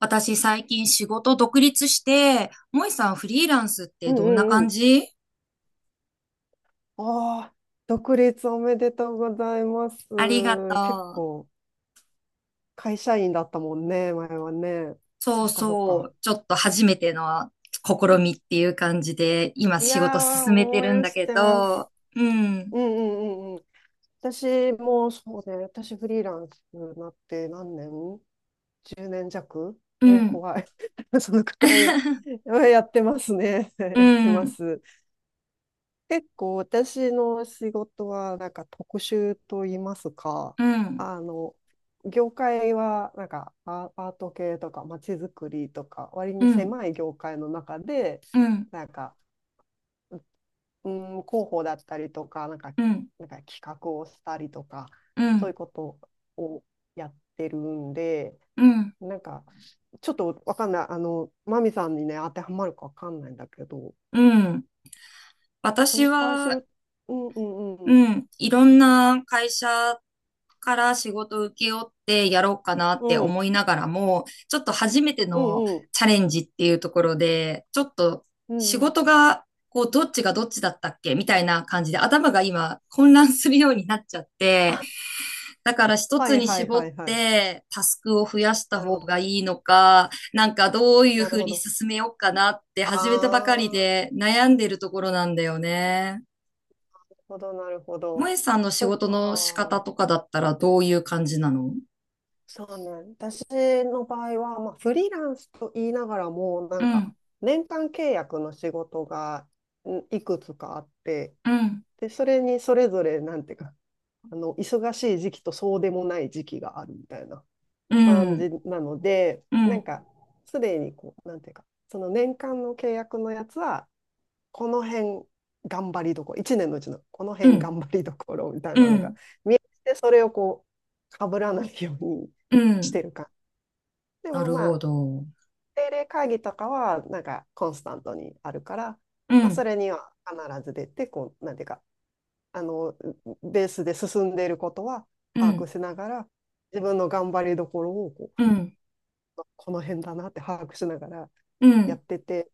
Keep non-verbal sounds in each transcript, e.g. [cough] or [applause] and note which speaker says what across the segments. Speaker 1: 私最近仕事独立して、もいさんフリーランスっ
Speaker 2: う
Speaker 1: て
Speaker 2: んう
Speaker 1: どんな
Speaker 2: んう
Speaker 1: 感
Speaker 2: ん。
Speaker 1: じ？
Speaker 2: ああ、独立おめでとうございます。
Speaker 1: ありがと
Speaker 2: 結
Speaker 1: う。
Speaker 2: 構、会社員だったもんね、前はね。
Speaker 1: そ
Speaker 2: そ
Speaker 1: う
Speaker 2: っかそっ
Speaker 1: そ
Speaker 2: か。
Speaker 1: う、ちょっと初めての試みっていう感じで、今
Speaker 2: い
Speaker 1: 仕事
Speaker 2: やー、
Speaker 1: 進めて
Speaker 2: 応
Speaker 1: るん
Speaker 2: 援
Speaker 1: だ
Speaker 2: し
Speaker 1: け
Speaker 2: てます。
Speaker 1: ど、うん、
Speaker 2: うんうんうんうん。私もそうね、私フリーランスになって何年？ 10
Speaker 1: う
Speaker 2: 年
Speaker 1: ん、
Speaker 2: 弱。え、怖い。[laughs] そのくらい
Speaker 1: [laughs]
Speaker 2: やってますね。[laughs]
Speaker 1: う
Speaker 2: やってま
Speaker 1: ん、
Speaker 2: す。結構私の仕事はなんか特殊と言いますか、
Speaker 1: うん、
Speaker 2: あの、業界はなんかアート系とかまちづくりとか割
Speaker 1: う
Speaker 2: に
Speaker 1: ん、
Speaker 2: 狭い業界の中で、
Speaker 1: うん、うん、
Speaker 2: なんか、うう広報だったりとか、なんか、
Speaker 1: うん、
Speaker 2: なんか企画をしたりとか、そういうことをやってるんで、
Speaker 1: うん、
Speaker 2: なんか、ちょっとわかんない、マミさんにね、当てはまるかわかんないんだけど、
Speaker 1: うん。私
Speaker 2: 紹介す
Speaker 1: は、
Speaker 2: る、うんうんう
Speaker 1: う
Speaker 2: ん。
Speaker 1: ん。いろんな会社から仕事を請け負ってやろうかなっ
Speaker 2: う
Speaker 1: て
Speaker 2: ん
Speaker 1: 思いながらも、ちょっと初めて
Speaker 2: う
Speaker 1: の
Speaker 2: んうん。
Speaker 1: チャレンジっていうところで、ちょっと
Speaker 2: うん
Speaker 1: 仕
Speaker 2: うん。
Speaker 1: 事が、こう、どっちがどっちだったっけみたいな感じで、頭が今混乱するようになっちゃって、
Speaker 2: あ、
Speaker 1: だから一
Speaker 2: は
Speaker 1: つ
Speaker 2: い
Speaker 1: に
Speaker 2: はい
Speaker 1: 絞っ
Speaker 2: はいはい。
Speaker 1: てタスクを増やした
Speaker 2: なる
Speaker 1: 方
Speaker 2: ほど。
Speaker 1: がいいのか、どういう
Speaker 2: な
Speaker 1: ふ
Speaker 2: る
Speaker 1: う
Speaker 2: ほ
Speaker 1: に
Speaker 2: ど。
Speaker 1: 進めようかなって
Speaker 2: あ
Speaker 1: 始めたばかり
Speaker 2: あ、
Speaker 1: で悩んでるところなんだよね。
Speaker 2: なるほど、なるほ
Speaker 1: も
Speaker 2: ど。
Speaker 1: えさんの仕
Speaker 2: そっ
Speaker 1: 事の仕方
Speaker 2: か。
Speaker 1: とかだったらどういう感じなの？
Speaker 2: そうね。私の場合は、まあ、フリーランスと言いながらも、な
Speaker 1: う
Speaker 2: んか、
Speaker 1: ん、
Speaker 2: 年間契約の仕事がいくつかあって、
Speaker 1: うん、
Speaker 2: で、それにそれぞれ、なんていうか、忙しい時期とそうでもない時期があるみたいな
Speaker 1: う
Speaker 2: 感じ
Speaker 1: ん、
Speaker 2: なので、
Speaker 1: う
Speaker 2: なん
Speaker 1: ん、
Speaker 2: か、すでにこう、なんていうか、その年間の契約のやつは、この辺頑張りどころ、1年のうちのこの
Speaker 1: う
Speaker 2: 辺
Speaker 1: ん、
Speaker 2: 頑張りどころみたい
Speaker 1: う
Speaker 2: なのが
Speaker 1: ん、
Speaker 2: 見えて、それをこう、かぶらないように
Speaker 1: う
Speaker 2: し
Speaker 1: ん。
Speaker 2: てるか。で
Speaker 1: な
Speaker 2: も
Speaker 1: る
Speaker 2: ま
Speaker 1: ほ
Speaker 2: あ、
Speaker 1: ど。
Speaker 2: 定例会議とかは、なんかコンスタントにあるから、
Speaker 1: う
Speaker 2: まあ、
Speaker 1: ん、
Speaker 2: それには必ず出て、こう、なんていうか、あの、ベースで進んでいることは
Speaker 1: う
Speaker 2: 把握
Speaker 1: ん、
Speaker 2: しながら、自分の頑張りどころをこう、
Speaker 1: うん、
Speaker 2: この辺だなって把握しながら
Speaker 1: う
Speaker 2: や
Speaker 1: ん。
Speaker 2: ってて、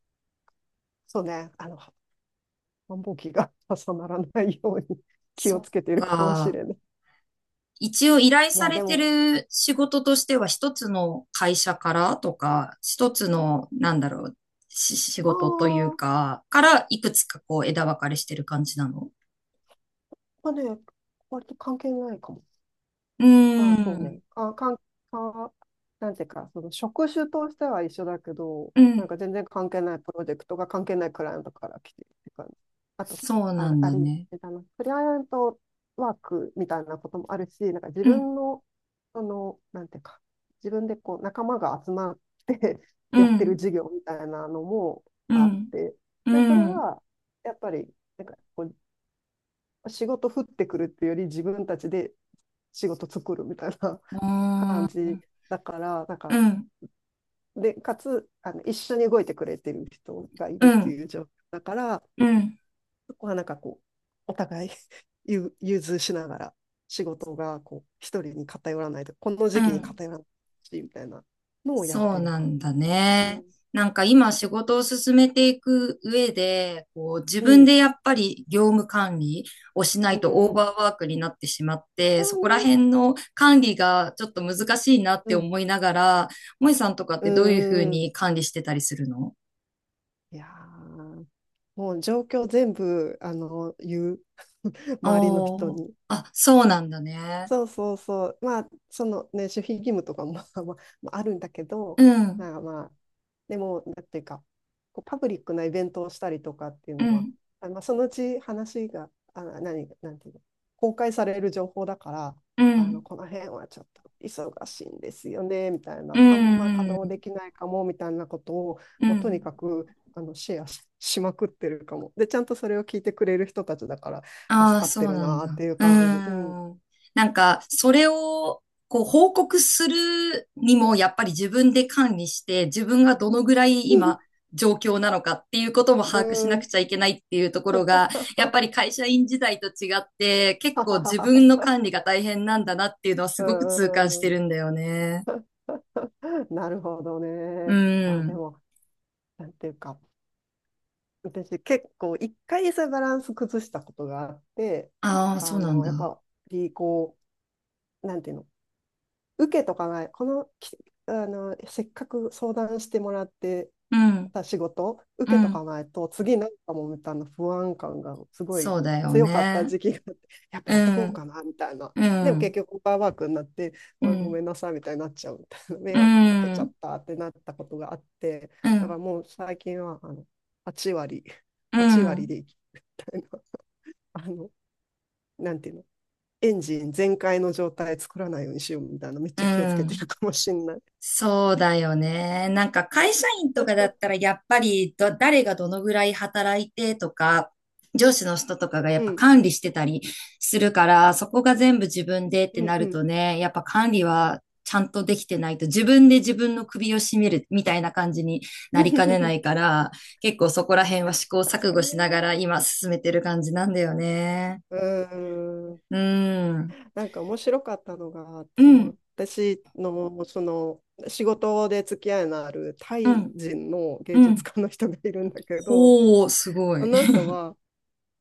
Speaker 2: そうね、繁忙期が重ならないように [laughs] 気
Speaker 1: そ
Speaker 2: を
Speaker 1: っ
Speaker 2: つけているかもし
Speaker 1: か。
Speaker 2: れない。
Speaker 1: 一応依頼
Speaker 2: い
Speaker 1: さ
Speaker 2: や、
Speaker 1: れ
Speaker 2: で
Speaker 1: て
Speaker 2: も、
Speaker 1: る仕事としては一つの会社からとか、一つの、なんだろう、し仕
Speaker 2: あ
Speaker 1: 事という
Speaker 2: あ、
Speaker 1: か、からいくつかこう枝分かれしてる感じなの？
Speaker 2: まあね、割と関係ないかも。
Speaker 1: うー
Speaker 2: まあそうね。
Speaker 1: ん、
Speaker 2: あ、かん、か、なんていうか、その職種としては一緒だけど、
Speaker 1: う
Speaker 2: なん
Speaker 1: ん、
Speaker 2: か全然関係ないプロジェクトが関係ないクライアントから来てるって感じ。あと、
Speaker 1: そうな
Speaker 2: あ、
Speaker 1: ん
Speaker 2: あ
Speaker 1: だ
Speaker 2: れ、
Speaker 1: ね。
Speaker 2: あの、クライアントワークみたいなこともあるし、なんか自
Speaker 1: うん、
Speaker 2: 分の、その、なんていうか、自分でこう仲間が集まって [laughs]
Speaker 1: う
Speaker 2: やってる
Speaker 1: ん。
Speaker 2: 事業みたいなのも
Speaker 1: う
Speaker 2: あっ
Speaker 1: ん、
Speaker 2: て、
Speaker 1: う
Speaker 2: で、それ
Speaker 1: ん、う
Speaker 2: は、やっぱり、なんかこう、仕事降ってくるっていうより自分たちで仕事作るみたいな
Speaker 1: ー
Speaker 2: 感
Speaker 1: ん、
Speaker 2: じだから、なんか、
Speaker 1: うん、
Speaker 2: で、かつ、一緒に動いてくれてる人がい
Speaker 1: う
Speaker 2: るって
Speaker 1: ん、
Speaker 2: いう状況だから、
Speaker 1: うん、
Speaker 2: そこはなんかこう、お互い [laughs] 融通しながら仕事がこう、一人に偏らないと、この
Speaker 1: う
Speaker 2: 時期に
Speaker 1: ん。
Speaker 2: 偏らないし、みたいなのをやっ
Speaker 1: そう
Speaker 2: てる
Speaker 1: な
Speaker 2: 感
Speaker 1: んだ
Speaker 2: じ。う
Speaker 1: ね。
Speaker 2: ん、
Speaker 1: なんか今仕事を進めていく上で、こう自
Speaker 2: う
Speaker 1: 分
Speaker 2: ん、
Speaker 1: でやっぱり業務管理をしな
Speaker 2: う
Speaker 1: いとオー
Speaker 2: ん、うん。
Speaker 1: バーワークになってしまっ
Speaker 2: そ
Speaker 1: て、そ
Speaker 2: う
Speaker 1: こら
Speaker 2: ね。
Speaker 1: 辺の管理がちょっと難しいなっ
Speaker 2: う
Speaker 1: て
Speaker 2: ん、
Speaker 1: 思いながら、萌さんとかっ
Speaker 2: う
Speaker 1: てどういうふう
Speaker 2: ん、うん。
Speaker 1: に管理してたりするの？
Speaker 2: いやー、もう状況全部、言う。[laughs] 周りの人
Speaker 1: おー、
Speaker 2: に。
Speaker 1: あ、そうなんだね。
Speaker 2: そうそうそう。まあ、そのね、守秘義務とかも [laughs] まあ、あるんだけ
Speaker 1: う
Speaker 2: ど、
Speaker 1: ん、
Speaker 2: まあまあ、でも、なんていうか、こうパブリックなイベントをしたりとかっていう
Speaker 1: う
Speaker 2: のは、
Speaker 1: ん、
Speaker 2: あ、まあ、そのうち話が、あ、何、なんていうの、公開される情報だから、
Speaker 1: うん、
Speaker 2: この辺はちょっと忙しいんですよね、みたい
Speaker 1: う
Speaker 2: な、あんま稼
Speaker 1: ん、う
Speaker 2: 働で
Speaker 1: ん、
Speaker 2: きないかも、みたいなことを、
Speaker 1: う
Speaker 2: まあ、とに
Speaker 1: ん。
Speaker 2: かく、シェアし、[laughs] しまくってるかも。で、ちゃんとそれを聞いてくれる人たちだから、
Speaker 1: あ
Speaker 2: 助
Speaker 1: あ、
Speaker 2: かっ
Speaker 1: そう
Speaker 2: てる
Speaker 1: なんだ。
Speaker 2: なっていう
Speaker 1: うー
Speaker 2: 感じ。うん。
Speaker 1: ん。なんか、それを、こう、報告するにも、やっぱり自分で管理して、自分がどのぐらい今、
Speaker 2: [laughs]
Speaker 1: 状況なのかっていうことも
Speaker 2: う
Speaker 1: 把握しなく
Speaker 2: ん。
Speaker 1: ちゃいけないっていうところが、やっ
Speaker 2: [laughs]
Speaker 1: ぱり会社員時代と違って、結構自分の管理が大変なんだなっていうのはす
Speaker 2: う
Speaker 1: ごく
Speaker 2: んう
Speaker 1: 痛感し
Speaker 2: んう
Speaker 1: て
Speaker 2: ん。
Speaker 1: るんだよね。
Speaker 2: [laughs] なるほど
Speaker 1: う
Speaker 2: ね。まあで
Speaker 1: ん。
Speaker 2: も、なんていうか、私結構一回そういうバランス崩したことがあって、
Speaker 1: ああ、そうなん
Speaker 2: やっ
Speaker 1: だ。
Speaker 2: ぱりこう、なんていうの、受けとかない、この、きせっかく相談してもらって、
Speaker 1: うん。
Speaker 2: た仕事を
Speaker 1: う
Speaker 2: 受けと
Speaker 1: ん。
Speaker 2: かないと次なんかもみたいな不安感がすごい
Speaker 1: そうだよ
Speaker 2: 強かった
Speaker 1: ね。
Speaker 2: 時期があって、やっぱ
Speaker 1: う
Speaker 2: やっとこう
Speaker 1: ん。
Speaker 2: かなみたいな、
Speaker 1: う
Speaker 2: でも
Speaker 1: ん。
Speaker 2: 結局オーバーワークになって、
Speaker 1: う
Speaker 2: わごめ
Speaker 1: ん。
Speaker 2: んなさいみたいになっちゃうみたいな、迷
Speaker 1: う
Speaker 2: 惑かけちゃ
Speaker 1: ん。
Speaker 2: ったってなったことがあって、
Speaker 1: う
Speaker 2: だか
Speaker 1: ん。
Speaker 2: らもう最近は8割
Speaker 1: う
Speaker 2: 8割
Speaker 1: ん、
Speaker 2: で生きるみたいな、 [laughs] あの、なんていうの、エンジン全開の状態作らないようにしようみたいな、めっ
Speaker 1: う
Speaker 2: ちゃ気をつけてる
Speaker 1: ん。
Speaker 2: かもしんない。
Speaker 1: そうだよね。なんか会社員とかだったらやっぱり誰がどのぐらい働いてとか、上司の人とかがや
Speaker 2: う
Speaker 1: っぱ
Speaker 2: ん、
Speaker 1: 管理してたりするから、そこが全部自分でって
Speaker 2: うん、
Speaker 1: な
Speaker 2: う
Speaker 1: る
Speaker 2: ん。
Speaker 1: とね、やっぱ管理はちゃんとできてないと自分で自分の首を絞めるみたいな感じになりかねな
Speaker 2: [laughs]
Speaker 1: いから、結構そこら辺は試行
Speaker 2: 確
Speaker 1: 錯
Speaker 2: か
Speaker 1: 誤
Speaker 2: にね。
Speaker 1: しながら今進めてる感じなんだよね。
Speaker 2: うーん。
Speaker 1: うん。
Speaker 2: なんか面白かったのが、
Speaker 1: う
Speaker 2: そ
Speaker 1: ん。
Speaker 2: の私のその仕事で付き合いのあるタ
Speaker 1: う
Speaker 2: イ
Speaker 1: ん。
Speaker 2: 人の
Speaker 1: う
Speaker 2: 芸術
Speaker 1: ん。
Speaker 2: 家の人がいるんだけど、
Speaker 1: ほう、すご
Speaker 2: そ
Speaker 1: い。
Speaker 2: の人
Speaker 1: [laughs]
Speaker 2: は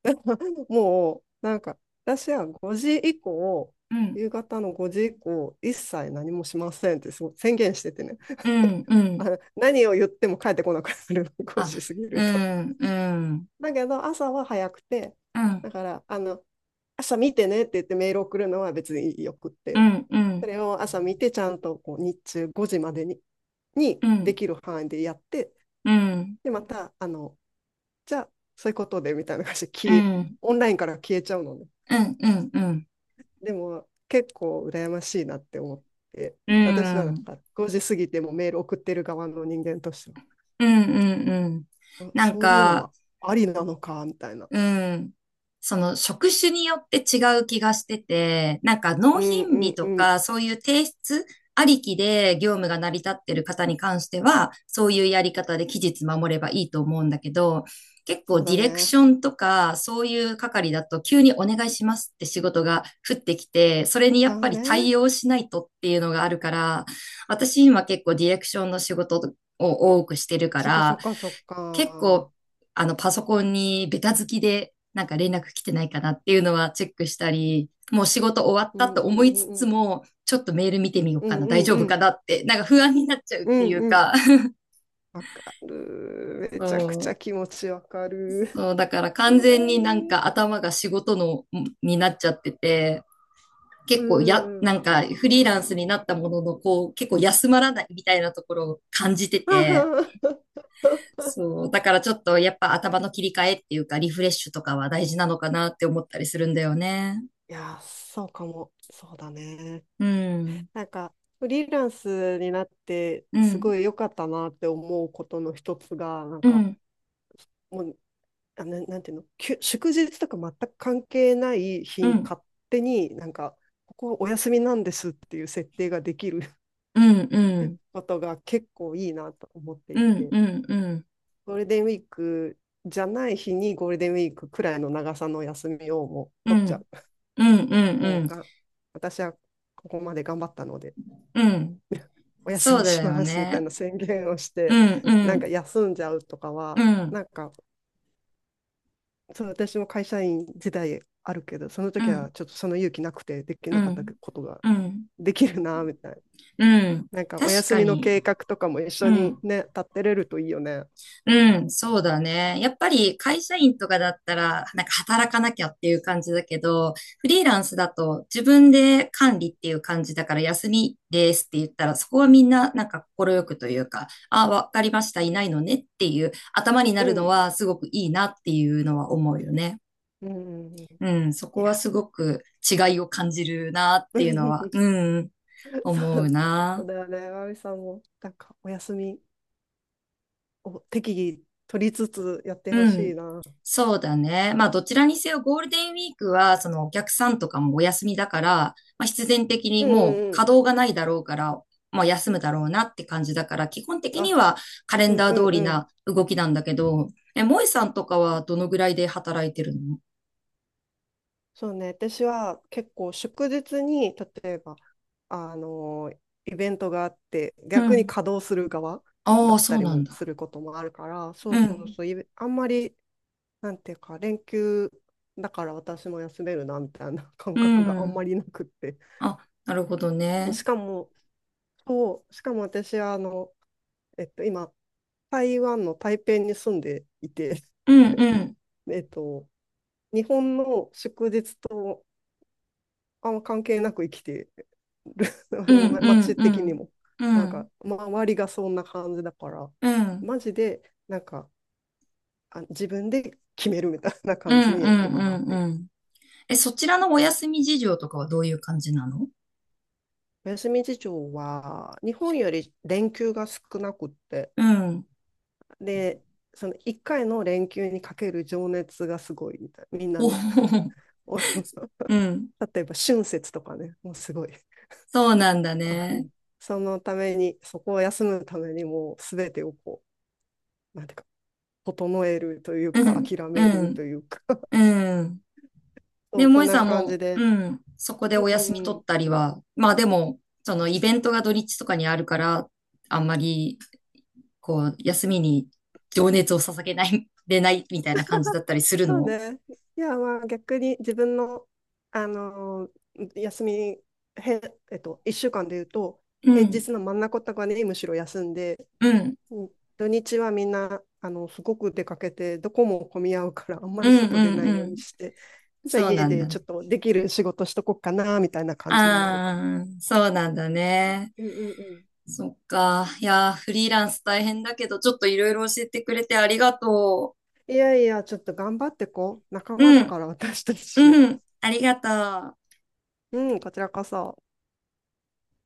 Speaker 2: [laughs] もうなんか私は5時以降、
Speaker 1: うん、
Speaker 2: 夕方の5時以降、一切何もしませんって宣言しててね、
Speaker 1: うん、うん。
Speaker 2: あの何を言っても帰ってこなくなる、5
Speaker 1: あ、
Speaker 2: 時過ぎ
Speaker 1: う
Speaker 2: ると。
Speaker 1: ん、うん、
Speaker 2: だけど朝は早くて、
Speaker 1: うん、うん、
Speaker 2: だからあの朝見てねって言ってメール送るのは別によくっ
Speaker 1: う
Speaker 2: て。
Speaker 1: ん、う
Speaker 2: そ
Speaker 1: ん、
Speaker 2: れを朝見て、ちゃんとこう日中5時までににで
Speaker 1: う
Speaker 2: きる範囲でやって、
Speaker 1: ん、
Speaker 2: で、また、あの、じゃあ、そういうことでみたいな感じで
Speaker 1: うん、うん、
Speaker 2: オンラインから消えちゃうのね。
Speaker 1: うん、うん、
Speaker 2: でも、結構羨ましいなって思って、
Speaker 1: う
Speaker 2: 私はなん
Speaker 1: ん、
Speaker 2: か5時過ぎてもメール送ってる側の人間としては、
Speaker 1: うん、うん。
Speaker 2: そ
Speaker 1: なん
Speaker 2: そういうの
Speaker 1: か、
Speaker 2: もありなのか、みたいな。
Speaker 1: うん。その職種によって違う気がしてて、なんか納
Speaker 2: うん
Speaker 1: 品
Speaker 2: う
Speaker 1: 日
Speaker 2: ん
Speaker 1: と
Speaker 2: うん。
Speaker 1: かそういう提出ありきで業務が成り立ってる方に関しては、そういうやり方で期日守ればいいと思うんだけど、結構
Speaker 2: そう
Speaker 1: デ
Speaker 2: だ
Speaker 1: ィレクシ
Speaker 2: ね。
Speaker 1: ョンとかそういう係だと急にお願いしますって仕事が降ってきて、それにや
Speaker 2: じゃ
Speaker 1: っ
Speaker 2: あ
Speaker 1: ぱり
Speaker 2: ね。
Speaker 1: 対応しないとっていうのがあるから、私今結構ディレクションの仕事を多くしてるか
Speaker 2: そっかそ
Speaker 1: ら、
Speaker 2: っかそっ
Speaker 1: 結構、
Speaker 2: か。
Speaker 1: パソコンにベタ付きで、なんか連絡来てないかなっていうのはチェックしたり、もう仕事終わっ
Speaker 2: う
Speaker 1: た
Speaker 2: ん
Speaker 1: と
Speaker 2: うん
Speaker 1: 思
Speaker 2: う
Speaker 1: いつ
Speaker 2: んう
Speaker 1: つ
Speaker 2: ん。
Speaker 1: も、ちょっとメール見てみよう
Speaker 2: う
Speaker 1: か
Speaker 2: ん
Speaker 1: な、
Speaker 2: う
Speaker 1: 大
Speaker 2: ん
Speaker 1: 丈
Speaker 2: う
Speaker 1: 夫
Speaker 2: ん。
Speaker 1: かなって、なんか不安になっちゃうっ
Speaker 2: う
Speaker 1: てい
Speaker 2: ん
Speaker 1: う
Speaker 2: うん、
Speaker 1: か、[laughs]
Speaker 2: わかる。めちゃくちゃ
Speaker 1: そう、
Speaker 2: 気持ちわかる。
Speaker 1: そう、だから完
Speaker 2: そうだ
Speaker 1: 全
Speaker 2: よ
Speaker 1: になん
Speaker 2: ね。
Speaker 1: か頭が仕事の、になっちゃってて、
Speaker 2: う
Speaker 1: 結
Speaker 2: ん
Speaker 1: 構
Speaker 2: う
Speaker 1: や、
Speaker 2: んうん。
Speaker 1: なんかフリーランスになったものの、こう、結構休まらないみたいなところを感じてて、
Speaker 2: [laughs]
Speaker 1: そう。だからちょっとやっぱ頭の切り替えっていうかリフレッシュとかは大事なのかなって思ったりするんだよね。
Speaker 2: いやー、そうかも。そうだね。
Speaker 1: うん。
Speaker 2: なんか、フリーランスになって、
Speaker 1: う
Speaker 2: す
Speaker 1: ん。
Speaker 2: ごい良かったなって思うことの一つが、なん
Speaker 1: う
Speaker 2: か、
Speaker 1: ん。
Speaker 2: もう、なんていうの、祝日とか全く関係ない日
Speaker 1: う
Speaker 2: に
Speaker 1: ん。
Speaker 2: 勝手になんか、ここはお休みなんですっていう設定ができる
Speaker 1: うん。うん。
Speaker 2: ことが結構いいなと思って
Speaker 1: う
Speaker 2: い
Speaker 1: ん。
Speaker 2: て。
Speaker 1: うん。うん。
Speaker 2: ゴールデンウィークじゃない日にゴールデンウィークくらいの長さの休みをもう
Speaker 1: う
Speaker 2: 取っちゃ
Speaker 1: ん。
Speaker 2: う。
Speaker 1: うん。うん。
Speaker 2: も
Speaker 1: う
Speaker 2: う
Speaker 1: ん。
Speaker 2: が、私はここまで頑張ったので
Speaker 1: うん。
Speaker 2: お休
Speaker 1: そう
Speaker 2: み
Speaker 1: だ
Speaker 2: し
Speaker 1: よ
Speaker 2: ますみたい
Speaker 1: ね。
Speaker 2: な宣言をし
Speaker 1: う
Speaker 2: て、
Speaker 1: ん。う
Speaker 2: なんか
Speaker 1: ん。
Speaker 2: 休んじゃうとか
Speaker 1: う
Speaker 2: は、
Speaker 1: ん。
Speaker 2: なんか、そう、私も会社員時代あるけど、その
Speaker 1: う
Speaker 2: 時は
Speaker 1: ん。
Speaker 2: ちょっとその勇気なくてでき
Speaker 1: う
Speaker 2: なかった
Speaker 1: ん。
Speaker 2: ことが
Speaker 1: うん。
Speaker 2: できるな、みたいな。
Speaker 1: うん。
Speaker 2: なんかお
Speaker 1: 確
Speaker 2: 休
Speaker 1: か
Speaker 2: みの
Speaker 1: に。
Speaker 2: 計画とかも一
Speaker 1: う
Speaker 2: 緒に
Speaker 1: ん。
Speaker 2: ね、立てれるといいよね。
Speaker 1: うん、そうだね。やっぱり会社員とかだったら、なんか働かなきゃっていう感じだけど、フリーランスだと自分で管理っていう感じだから休みですって言ったら、そこはみんななんか快くというか、あ、わかりました、いないのねっていう頭にな
Speaker 2: う
Speaker 1: るの
Speaker 2: ん。
Speaker 1: はすごくいいなっていうのは思うよね。
Speaker 2: うん。
Speaker 1: うん、そ
Speaker 2: い
Speaker 1: こ
Speaker 2: や。
Speaker 1: はすごく違いを感じるなっていうのは、
Speaker 2: [laughs]
Speaker 1: うん、
Speaker 2: [laughs] そ
Speaker 1: 思う
Speaker 2: うそ
Speaker 1: な。
Speaker 2: うだよね、まみさんも、なんか、お休みを適宜取りつつやってほ
Speaker 1: う
Speaker 2: し
Speaker 1: ん。
Speaker 2: いな。
Speaker 1: そうだね。まあ、どちらにせよゴールデンウィークは、そのお客さんとかもお休みだから、まあ、必然的に
Speaker 2: うん
Speaker 1: もう
Speaker 2: うんう
Speaker 1: 稼
Speaker 2: ん。
Speaker 1: 働がないだろうから、まあ、休むだろうなって感じだから、基本的に
Speaker 2: あ、
Speaker 1: はカレ
Speaker 2: う
Speaker 1: ン
Speaker 2: ん
Speaker 1: ダー
Speaker 2: う
Speaker 1: 通
Speaker 2: ん
Speaker 1: り
Speaker 2: うん。
Speaker 1: な動きなんだけど、え、萌えさんとかはどのぐらいで働いてるの？
Speaker 2: そうね、私は結構祝日に、例えば、あのー、イベントがあって、
Speaker 1: う
Speaker 2: 逆に
Speaker 1: ん。
Speaker 2: 稼働する側
Speaker 1: あ
Speaker 2: だ
Speaker 1: あ、
Speaker 2: っ
Speaker 1: そ
Speaker 2: た
Speaker 1: う
Speaker 2: り
Speaker 1: なん
Speaker 2: もす
Speaker 1: だ。
Speaker 2: ることもあるから、そう
Speaker 1: う
Speaker 2: そう
Speaker 1: ん。
Speaker 2: そう、あんまり、なんていうか、連休だから私も休めるな、みたいな [laughs] 感
Speaker 1: う
Speaker 2: 覚があん
Speaker 1: ん。
Speaker 2: まりなくって。
Speaker 1: あ、なるほどね。
Speaker 2: しかも、そう、しかも私は今、台湾の台北に住んでいて、
Speaker 1: うん、うん。
Speaker 2: [laughs] えっと、日本の祝日とあんま関係なく生きてる、
Speaker 1: うん、
Speaker 2: [laughs]
Speaker 1: うん、
Speaker 2: 街
Speaker 1: う
Speaker 2: 的に
Speaker 1: ん。
Speaker 2: も。
Speaker 1: う
Speaker 2: なん
Speaker 1: ん、
Speaker 2: か、周りがそんな感じだから、
Speaker 1: うん。
Speaker 2: マジで、なんか、あ、自分で決めるみたいな
Speaker 1: うん、
Speaker 2: 感
Speaker 1: う
Speaker 2: じに今なっ
Speaker 1: ん、うん、
Speaker 2: てる。
Speaker 1: うん。え、そちらのお休み事情とかはどういう感じなの？
Speaker 2: お休み事情は、日本より連休が少なくって、
Speaker 1: うん。
Speaker 2: で、その1回の連休にかける情熱がすごいみたいな。みんな
Speaker 1: おお
Speaker 2: ね、
Speaker 1: うん。
Speaker 2: 例えば春節とかね、もうすごい。 [laughs]。
Speaker 1: そうなんだね。
Speaker 2: そのために、そこを休むためにもうすべてをこう、なんていうか、整えるという
Speaker 1: う
Speaker 2: か、
Speaker 1: ん、
Speaker 2: 諦
Speaker 1: う
Speaker 2: める
Speaker 1: ん、
Speaker 2: というか、 [laughs]、
Speaker 1: うん。で、
Speaker 2: そう、そん
Speaker 1: 萌さ
Speaker 2: な
Speaker 1: ん
Speaker 2: 感じ
Speaker 1: も、う
Speaker 2: で。
Speaker 1: ん、そこで
Speaker 2: うん
Speaker 1: お
Speaker 2: う
Speaker 1: 休み
Speaker 2: ん
Speaker 1: 取
Speaker 2: う
Speaker 1: っ
Speaker 2: ん。
Speaker 1: たりは、まあでも、そのイベントが土日とかにあるから、あんまり、こう、休みに情熱を捧げない、でないみたいな感じだったりする
Speaker 2: そう
Speaker 1: の？
Speaker 2: で、いや、まあ逆に自分の、あのー休み、へ、えっと、1週間で言うと、
Speaker 1: う
Speaker 2: 平
Speaker 1: ん、
Speaker 2: 日の真ん中とかにむしろ休んで、
Speaker 1: うん、
Speaker 2: うん、土日はみんな、あの、すごく出かけて、どこも混み合うから、あんま
Speaker 1: う
Speaker 2: り
Speaker 1: ん、
Speaker 2: 外出な
Speaker 1: う
Speaker 2: い
Speaker 1: ん、う
Speaker 2: ように
Speaker 1: ん。
Speaker 2: して、じゃあ
Speaker 1: そう
Speaker 2: 家
Speaker 1: なん
Speaker 2: で
Speaker 1: だ
Speaker 2: ち
Speaker 1: ね。
Speaker 2: ょっとできる仕事しとこっかな、みたいな感じになるかも。
Speaker 1: ああ、そうなんだね。
Speaker 2: うんうんうん。
Speaker 1: そっか。いやー、フリーランス大変だけど、ちょっといろいろ教えてくれてありがと
Speaker 2: いやいや、ちょっと頑張ってこう。仲
Speaker 1: う。
Speaker 2: 間
Speaker 1: う
Speaker 2: だ
Speaker 1: ん、
Speaker 2: から、私たち。
Speaker 1: うん、ありがとう。
Speaker 2: うん、こちらこそ。